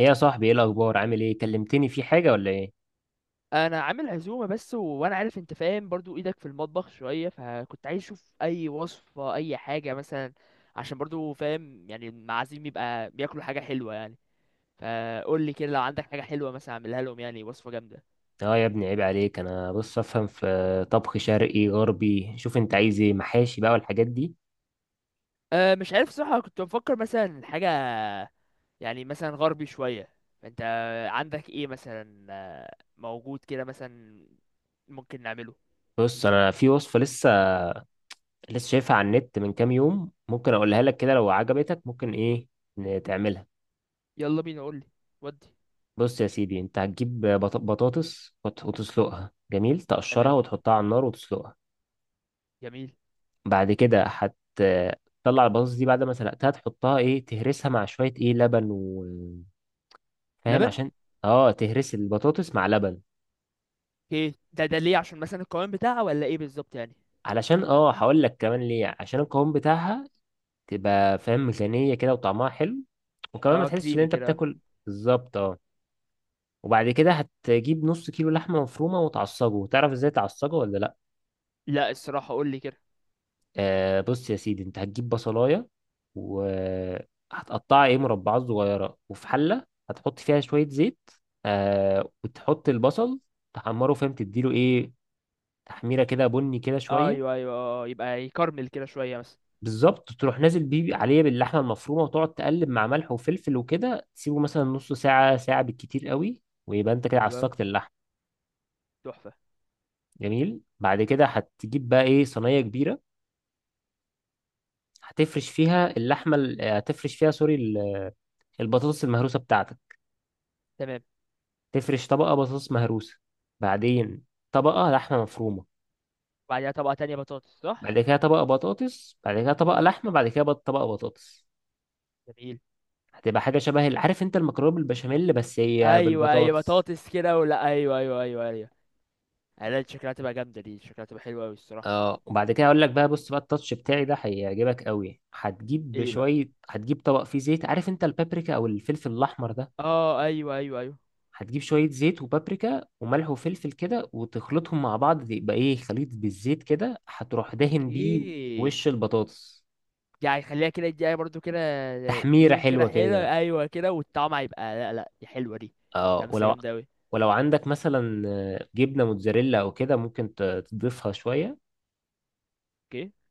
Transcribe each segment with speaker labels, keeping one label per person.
Speaker 1: ايه يا صاحبي، ايه الاخبار؟ عامل ايه؟ كلمتني في حاجه ولا ايه؟
Speaker 2: انا عامل عزومه بس و... وانا عارف انت فاهم برضو، ايدك في المطبخ شويه، فكنت عايز اشوف اي وصفه، اي حاجه مثلا. عشان برضو فاهم يعني، المعازيم يبقى بياكلوا حاجه حلوه يعني. فقول لي كده، لو عندك حاجه حلوه مثلا اعملها لهم، يعني وصفه جامده.
Speaker 1: اه يا ابني، عيب عليك. انا بص، افهم في طبخ شرقي غربي. شوف انت عايز ايه، محاشي بقى والحاجات دي؟
Speaker 2: مش عارف صراحه، كنت بفكر مثلا حاجه، يعني مثلا غربي شويه، فانت عندك ايه مثلا، موجود كده مثلا، ممكن نعمله؟
Speaker 1: بص، انا في وصفه لسه شايفها على النت من كام يوم. ممكن اقولها لك كده، لو عجبتك ممكن ايه، تعملها.
Speaker 2: يلا بينا، قول لي. ودي.
Speaker 1: بص يا سيدي، انت هتجيب بطاطس وتسلقها. جميل، تقشرها
Speaker 2: تمام.
Speaker 1: وتحطها على النار وتسلقها.
Speaker 2: جميل.
Speaker 1: بعد كده تطلع البطاطس دي بعد ما سلقتها، تحطها ايه، تهرسها مع شويه ايه لبن. فاهم؟
Speaker 2: لبن.
Speaker 1: عشان اه تهرس البطاطس مع لبن.
Speaker 2: ايه ده ليه؟ عشان مثلا القوام بتاعها ولا ايه بالظبط يعني؟
Speaker 1: علشان هقول لك كمان ليه، عشان القوام بتاعها تبقى فاهم غنية كده وطعمها حلو، وكمان ما
Speaker 2: اه،
Speaker 1: تحسش ان
Speaker 2: كريمي
Speaker 1: انت
Speaker 2: كده.
Speaker 1: بتاكل. بالظبط اه. وبعد كده هتجيب نص كيلو لحمة مفرومة وتعصجه. تعرف ازاي تعصجه ولا لا؟
Speaker 2: لا الصراحه، قول لي كده.
Speaker 1: آه، بص يا سيدي، انت هتجيب بصلاية وهتقطعها ايه، مربعات صغيرة، وفي حلة هتحط فيها شوية زيت. آه، وتحط البصل تحمره. فاهم؟ تديله ايه، تحميرة كده بني كده شوية.
Speaker 2: ايوه ايوه يبقى يكرمل كده شويه مثلا.
Speaker 1: بالظبط، تروح نازل بيه عليه باللحمه المفرومه، وتقعد تقلب مع ملح وفلفل وكده. تسيبه مثلا نص ساعه، ساعه بالكتير قوي، ويبقى انت كده
Speaker 2: حلو أوي،
Speaker 1: عصقت اللحم.
Speaker 2: تحفه.
Speaker 1: جميل، بعد كده هتجيب بقى ايه صينيه كبيره، هتفرش فيها، البطاطس المهروسه بتاعتك.
Speaker 2: تمام.
Speaker 1: تفرش طبقه بطاطس مهروسه، بعدين طبقه لحمه مفرومه،
Speaker 2: وبعديها طبقه تانية بطاطس، صح؟
Speaker 1: بعد كده طبقه بطاطس، بعد كده طبقه لحمه، بعد كده طبقه بطاطس.
Speaker 2: جميل.
Speaker 1: هتبقى حاجه شبه عارف انت المكرونه بالبشاميل، بس هي
Speaker 2: ايوه ايوه
Speaker 1: بالبطاطس.
Speaker 2: بطاطس كده، ولا ايوه ايوه ايوه ايوه. انا شكلها تبقى جامده دي، شكلها تبقى حلوه قوي الصراحه.
Speaker 1: اه، وبعد كده اقول لك بقى. بص بقى، التاتش بتاعي ده هيعجبك قوي. هتجيب
Speaker 2: ايه بقى؟
Speaker 1: شويه، هتجيب طبق فيه زيت. عارف انت البابريكا او الفلفل الاحمر ده؟
Speaker 2: اه ايوه ايوه ايوه.
Speaker 1: هتجيب شويه زيت وبابريكا وملح وفلفل كده، وتخلطهم مع بعض، يبقى ايه خليط بالزيت كده، هتروح دهن بيه
Speaker 2: اوكي.
Speaker 1: وش البطاطس.
Speaker 2: يعني خليها كده، يديها برضو كده.
Speaker 1: تحميره
Speaker 2: لون كده
Speaker 1: حلوه
Speaker 2: حلو،
Speaker 1: كده.
Speaker 2: ايوه كده، والطعم هيبقى، لا لا دي حلوه دي.
Speaker 1: اه
Speaker 2: لمسه
Speaker 1: ولو
Speaker 2: جامده قوي.
Speaker 1: ولو عندك مثلا جبنه موتزاريلا او كده، ممكن تضيفها شويه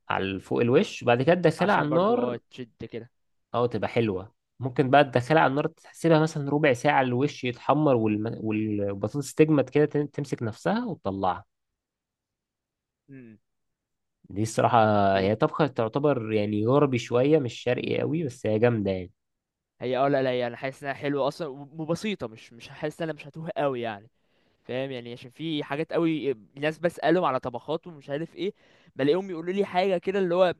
Speaker 1: على فوق الوش، بعد كده تدخلها على
Speaker 2: عشان برضو
Speaker 1: النار.
Speaker 2: اه تشد كده.
Speaker 1: اه تبقى حلوة. ممكن بقى تدخلها على النار، تسيبها مثلا ربع ساعة، الوش يتحمر والبطاطس تجمد كده، تمسك نفسها وتطلعها.
Speaker 2: امم.
Speaker 1: دي الصراحة.
Speaker 2: ايه
Speaker 1: هي طبخة تعتبر يعني غربي شوية، مش شرقي قوي، بس هي جامدة يعني.
Speaker 2: هي؟ اه لا لا، يعني حاسس انها حلوه اصلا و- وبسيطه، مش حاسس ان انا مش هتوه قوي يعني. فاهم يعني، عشان في حاجات قوي ناس بسالهم على طبخات ومش عارف ايه، بلاقيهم يقولوا لي حاجه كده اللي هو،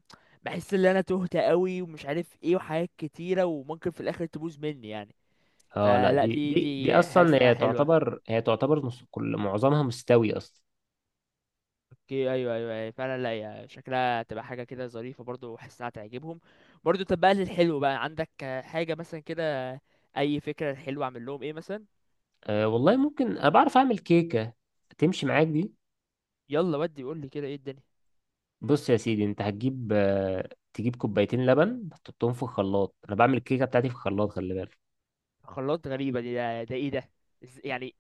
Speaker 2: بحس ان انا تهت قوي ومش عارف ايه وحاجات كتيره، وممكن في الاخر تبوظ مني يعني.
Speaker 1: اه لا،
Speaker 2: فلا،
Speaker 1: دي
Speaker 2: دي
Speaker 1: دي دي
Speaker 2: دي
Speaker 1: اصلا،
Speaker 2: حاسس انها
Speaker 1: هي
Speaker 2: حلوه.
Speaker 1: تعتبر هي تعتبر نص، كل معظمها مستوي اصلا.
Speaker 2: اوكي، ايوه ايوه أيوة، فعلا، لا هي شكلها تبقى حاجه كده ظريفه برضو، وحاسسها تعجبهم. برضو، طب بقى للحلو بقى، عندك حاجه مثلا كده؟ اي فكره حلوه اعمل لهم ايه مثلا؟
Speaker 1: أه والله، ممكن انا بعرف اعمل كيكة تمشي معاك دي.
Speaker 2: يلا ودي، قول لي كده ايه الدنيا.
Speaker 1: بص يا سيدي، انت هتجيب آه، تجيب كوبايتين لبن تحطهم في الخلاط. انا بعمل الكيكة بتاعتي في الخلاط، خلي بالك.
Speaker 2: خلاط؟ غريبه دي. ده ايه ده؟ يعني،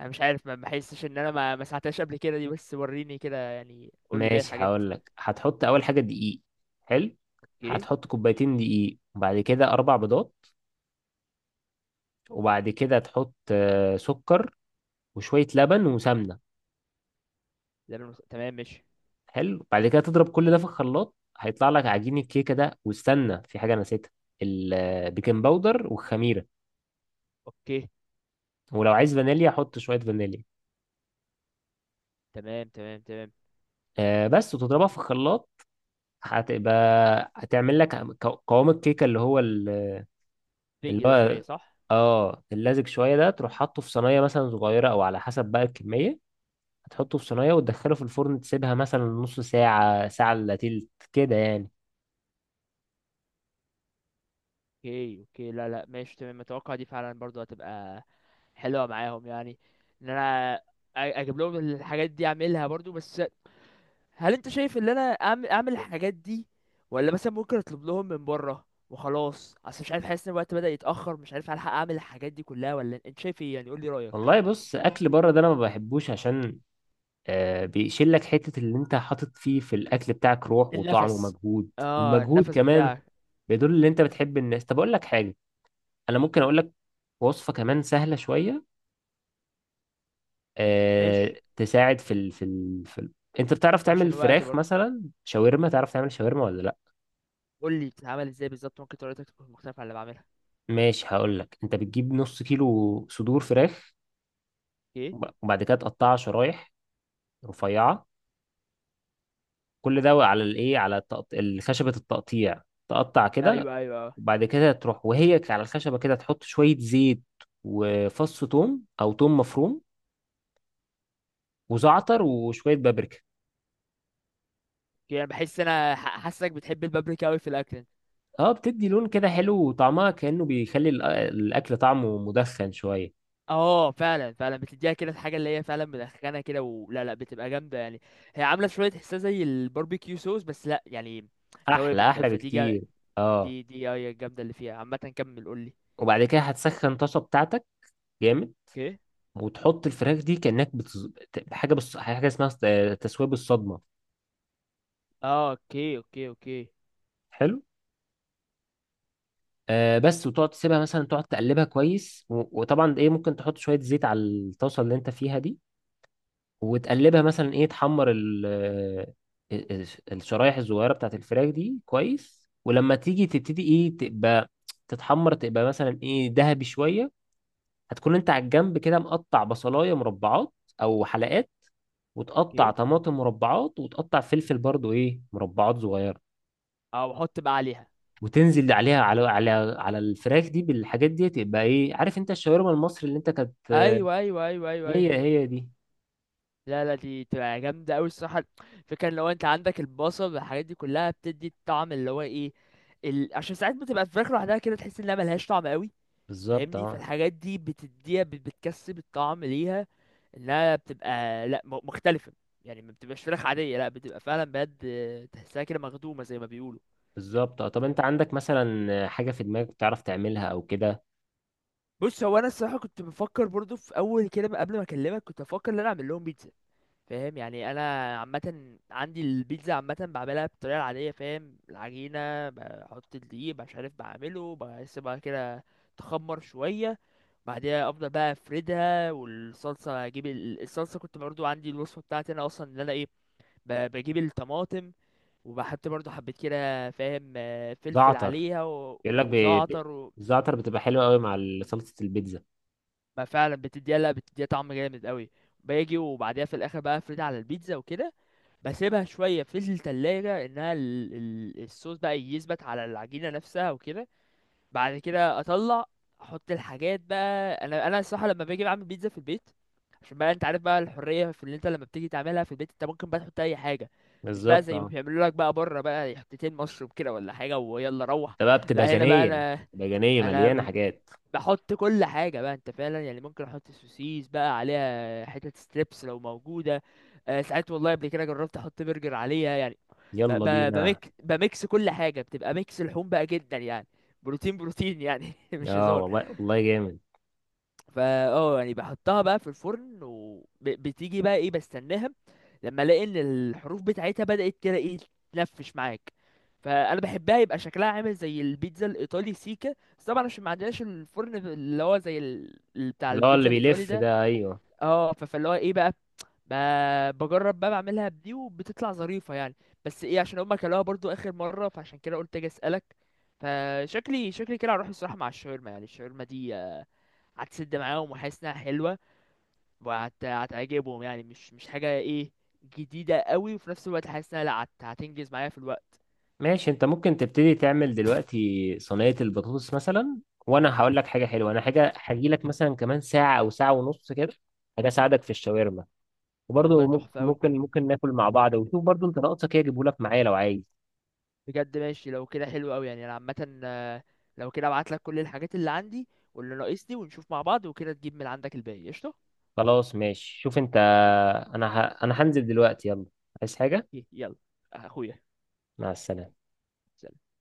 Speaker 2: انا مش عارف، ما بحسش ان انا ما ساعدتهاش قبل كده دي، بس وريني كده يعني، قول لي باقي
Speaker 1: ماشي،
Speaker 2: الحاجات.
Speaker 1: هقول لك. هتحط اول حاجه دقيق. حلو،
Speaker 2: اوكي.
Speaker 1: هتحط كوبايتين دقيق، وبعد كده اربع بيضات، وبعد كده تحط سكر وشويه لبن وسمنه.
Speaker 2: تمام ماشي.
Speaker 1: حلو، بعد كده تضرب كل ده في الخلاط، هيطلع لك عجين الكيكه ده. واستنى، في حاجه نسيتها، البيكنج باودر والخميره.
Speaker 2: اوكي.
Speaker 1: ولو عايز فانيليا حط شويه فانيليا.
Speaker 2: تمام تمام تمام.
Speaker 1: بس، وتضربها في الخلاط، هتبقى هتعمل لك قوام الكيكه اللي هو اللي
Speaker 2: بينج ده شويه
Speaker 1: هو
Speaker 2: صح.
Speaker 1: اه اللزج شويه ده. تروح حاطه في صينيه مثلا صغيره، او على حسب بقى الكميه، هتحطه في صينيه وتدخله في الفرن. تسيبها مثلا نص ساعه، ساعه الا تلت كده يعني.
Speaker 2: اوكي اوكي، لا لا ماشي تمام، اتوقع دي فعلا برضو هتبقى حلوه معاهم يعني. ان انا اجيب لهم الحاجات دي اعملها برضو، بس هل انت شايف ان انا اعمل الحاجات دي، ولا مثلا ممكن اطلب لهم من بره وخلاص؟ اصل مش عارف، حاسس ان الوقت بدأ يتأخر، مش عارف هلحق اعمل الحاجات دي كلها ولا، انت شايف ايه يعني، قول لي رأيك.
Speaker 1: والله بص، اكل بره ده انا ما بحبوش، عشان بيشيل لك حته اللي انت حاطط فيه في الاكل بتاعك، روح وطعم
Speaker 2: النفس.
Speaker 1: ومجهود.
Speaker 2: اه،
Speaker 1: والمجهود
Speaker 2: النفس
Speaker 1: كمان
Speaker 2: بتاعك.
Speaker 1: بيدل
Speaker 2: م-
Speaker 1: ان انت بتحب الناس. طب اقول لك حاجه، انا ممكن اقول لك وصفه كمان سهله شويه
Speaker 2: ماشي.
Speaker 1: تساعد انت بتعرف تعمل
Speaker 2: عشان الوقت
Speaker 1: فراخ
Speaker 2: برضه،
Speaker 1: مثلا شاورما؟ تعرف تعمل شاورما ولا لا؟
Speaker 2: قول لي بتتعمل ازاي بالظبط، ممكن طريقتك تكون مختلفة عن اللي بعملها.
Speaker 1: ماشي، هقول لك. انت بتجيب نص كيلو صدور فراخ،
Speaker 2: اوكي.
Speaker 1: وبعد كده تقطعها شرايح رفيعه. كل ده على الايه، خشبه التقطيع، تقطع كده.
Speaker 2: ايوه ايوه أه.
Speaker 1: وبعد كده تروح وهي على الخشبه كده، تحط شويه زيت وفص ثوم او ثوم مفروم وزعتر وشويه بابريكا.
Speaker 2: يعني بحس انا حاسك بتحب البابريكا قوي في الاكل.
Speaker 1: اه، بتدي لون كده حلو، وطعمها كأنه بيخلي الاكل طعمه مدخن شويه.
Speaker 2: اه فعلا فعلا، بتديها كده الحاجه اللي هي فعلا مدخنه كده، ولا لا بتبقى جامده يعني؟ هي عامله شويه تحسها زي الباربيكيو صوص، بس لا يعني توابل.
Speaker 1: احلى احلى بكتير. اه،
Speaker 2: دي هي الجامده اللي فيها عامه، كمل قول لي.
Speaker 1: وبعد كده هتسخن طاسه بتاعتك جامد.
Speaker 2: اوكي.
Speaker 1: وتحط الفراخ دي كانك بتز... حاجه بص... حاجه اسمها ص- آه، تسويه بالصدمه.
Speaker 2: اه اوكي اوكي اوكي.
Speaker 1: حلو. بس، وتقعد تسيبها مثلا، تقعد تقلبها كويس، و... وطبعا ايه ممكن تحط شويه زيت على الطاسه اللي انت فيها دي. وتقلبها مثلا ايه، تحمر ال- الشرايح الصغيره بتاعت الفراخ دي كويس. ولما تيجي تبتدي ايه تبقى تتحمر، تبقى مثلا ايه ذهبي شويه. هتكون انت على الجنب كده مقطع بصلايه مربعات او حلقات، وتقطع
Speaker 2: اوكي.
Speaker 1: طماطم مربعات، وتقطع فلفل برضو ايه مربعات صغيره.
Speaker 2: اه، واحط بقى عليها.
Speaker 1: وتنزل عليها على الفراخ دي بالحاجات دي. تبقى ايه، عارف انت الشاورما المصري اللي انت كانت،
Speaker 2: ايوه ايوه ايوه ايوه،
Speaker 1: هي
Speaker 2: أيوة.
Speaker 1: هي دي.
Speaker 2: لا لا، دي تبقى جامدة أوي الصراحة. فكرة! لو أنت عندك البصل والحاجات دي كلها، بتدي الطعم اللي هو إيه، عشان ساعات بتبقى الفراخ لوحدها كده تحس إنها ملهاش طعم أوي،
Speaker 1: بالظبط
Speaker 2: فاهمني؟
Speaker 1: اه.
Speaker 2: فالحاجات دي بتديها، بتكسب الطعم ليها، إنها بتبقى لأ مختلفة. يعني ما بتبقاش فراخ عادية، لأ بتبقى فعلا بجد، تحسها كده مخدومة زي ما بيقولوا.
Speaker 1: بالظبط اه، طب انت عندك مثلا حاجه في دماغك بتعرف تعملها او كده؟
Speaker 2: بص، هو أنا الصراحة كنت بفكر برضو في أول كده قبل ما أكلمك، كنت بفكر إن أنا أعمل لهم بيتزا، فاهم يعني، انا عامه عندي البيتزا، عامه بعملها بالطريقه العاديه، فاهم؟ العجينه بحط الدقيق، مش عارف بعمله، بسيبها كده تخمر شويه، بعدها افضل بقى افردها، والصلصه اجيب الصلصه، كنت برضو عندي الوصفه بتاعتي انا اصلا، ان انا ايه، بجيب الطماطم، وبحط برضو حبيت كده فاهم، فلفل
Speaker 1: زعتر،
Speaker 2: عليها و-
Speaker 1: بيقول لك
Speaker 2: وزعتر
Speaker 1: الزعتر بتبقى حلوه قوي مع صلصه البيتزا.
Speaker 2: ما فعلا بتديها، لا بتديها طعم جامد قوي. باجي وبعدها في الاخر بقى افردها على البيتزا وكده، بسيبها شويه في التلاجة، انها الصوص بقى يثبت على العجينه نفسها وكده. بعد كده اطلع احط الحاجات، بقى انا الصراحه لما باجي بعمل بيتزا في البيت، عشان بقى انت عارف بقى الحريه في اللي انت لما بتيجي تعملها في البيت، انت ممكن بقى تحط اي حاجه، مش بقى
Speaker 1: بالظبط
Speaker 2: زي ما
Speaker 1: اه.
Speaker 2: بيعملوا لك بقى بره، بقى حتتين مشروب كده ولا حاجه ويلا روح.
Speaker 1: ده بقى بتبقى
Speaker 2: لا هنا بقى
Speaker 1: غنيه.
Speaker 2: انا
Speaker 1: بتبقى غنيه مليانه
Speaker 2: انا
Speaker 1: حاجات.
Speaker 2: بحط كل حاجة، بقى انت فعلا يعني ممكن احط سوسيس بقى عليها، حتة ستريبس لو موجودة، آه ساعات والله قبل كده جربت احط برجر عليها يعني، ب
Speaker 1: يلا
Speaker 2: ب
Speaker 1: بينا.
Speaker 2: بميك بميكس كل حاجة، بتبقى ميكس لحوم بقى جدا يعني، بروتين بروتين يعني، مش
Speaker 1: اه
Speaker 2: هزار.
Speaker 1: والله والله جامد.
Speaker 2: فا اه يعني بحطها بقى في الفرن، وبتيجي بقى ايه، بستناها لما الاقي ان الحروف بتاعتها بدأت كده ايه، تنفش معاك، فانا بحبها، يبقى شكلها عامل زي البيتزا الايطالي سيكا، بس طبعا عشان ما عندناش الفرن اللي هو زي بتاع
Speaker 1: اللي هو اللي
Speaker 2: البيتزا الايطالي
Speaker 1: بيلف
Speaker 2: ده.
Speaker 1: ده، ايوه.
Speaker 2: اه فاللي هو ايه بقى، بجرب بقى بعملها بدي، وبتطلع ظريفة يعني، بس ايه عشان هما كلوها برضو اخر مرة، فعشان كده قلت اجي اسألك. فشكلي كده هروح الصراحة مع الشاورما يعني، الشاورما دي هتسد معاهم، وحاسس انها حلوة، هتعجبهم يعني، مش حاجة ايه جديدة قوي، وفي نفس الوقت حاسس انها لا، هتنجز معايا في الوقت.
Speaker 1: ماشي، انت ممكن تبتدي تعمل دلوقتي صينية البطاطس مثلا، وانا هقول لك حاجة حلوة. انا حاجة هجي لك مثلا كمان ساعة او ساعة ونص كده، حاجة اساعدك في الشاورما.
Speaker 2: والله
Speaker 1: وبرضه ممكن
Speaker 2: تحفة قوي
Speaker 1: ممكن ممكن ناكل مع بعض، وشوف برضه انت ناقصك ايه اجيبه لك معايا لو عايز.
Speaker 2: بجد، ماشي لو كده حلو قوي يعني، انا عامة، لو كده ابعت لك كل الحاجات اللي عندي واللي ناقصني، ونشوف مع بعض، وكده تجيب من عندك الباقي، قشطة.
Speaker 1: خلاص، ماشي، شوف انت.
Speaker 2: قشطة.
Speaker 1: انا هنزل دلوقتي. يلا، عايز حاجة؟
Speaker 2: يلا اخويا.
Speaker 1: مع السلامة.
Speaker 2: سلام.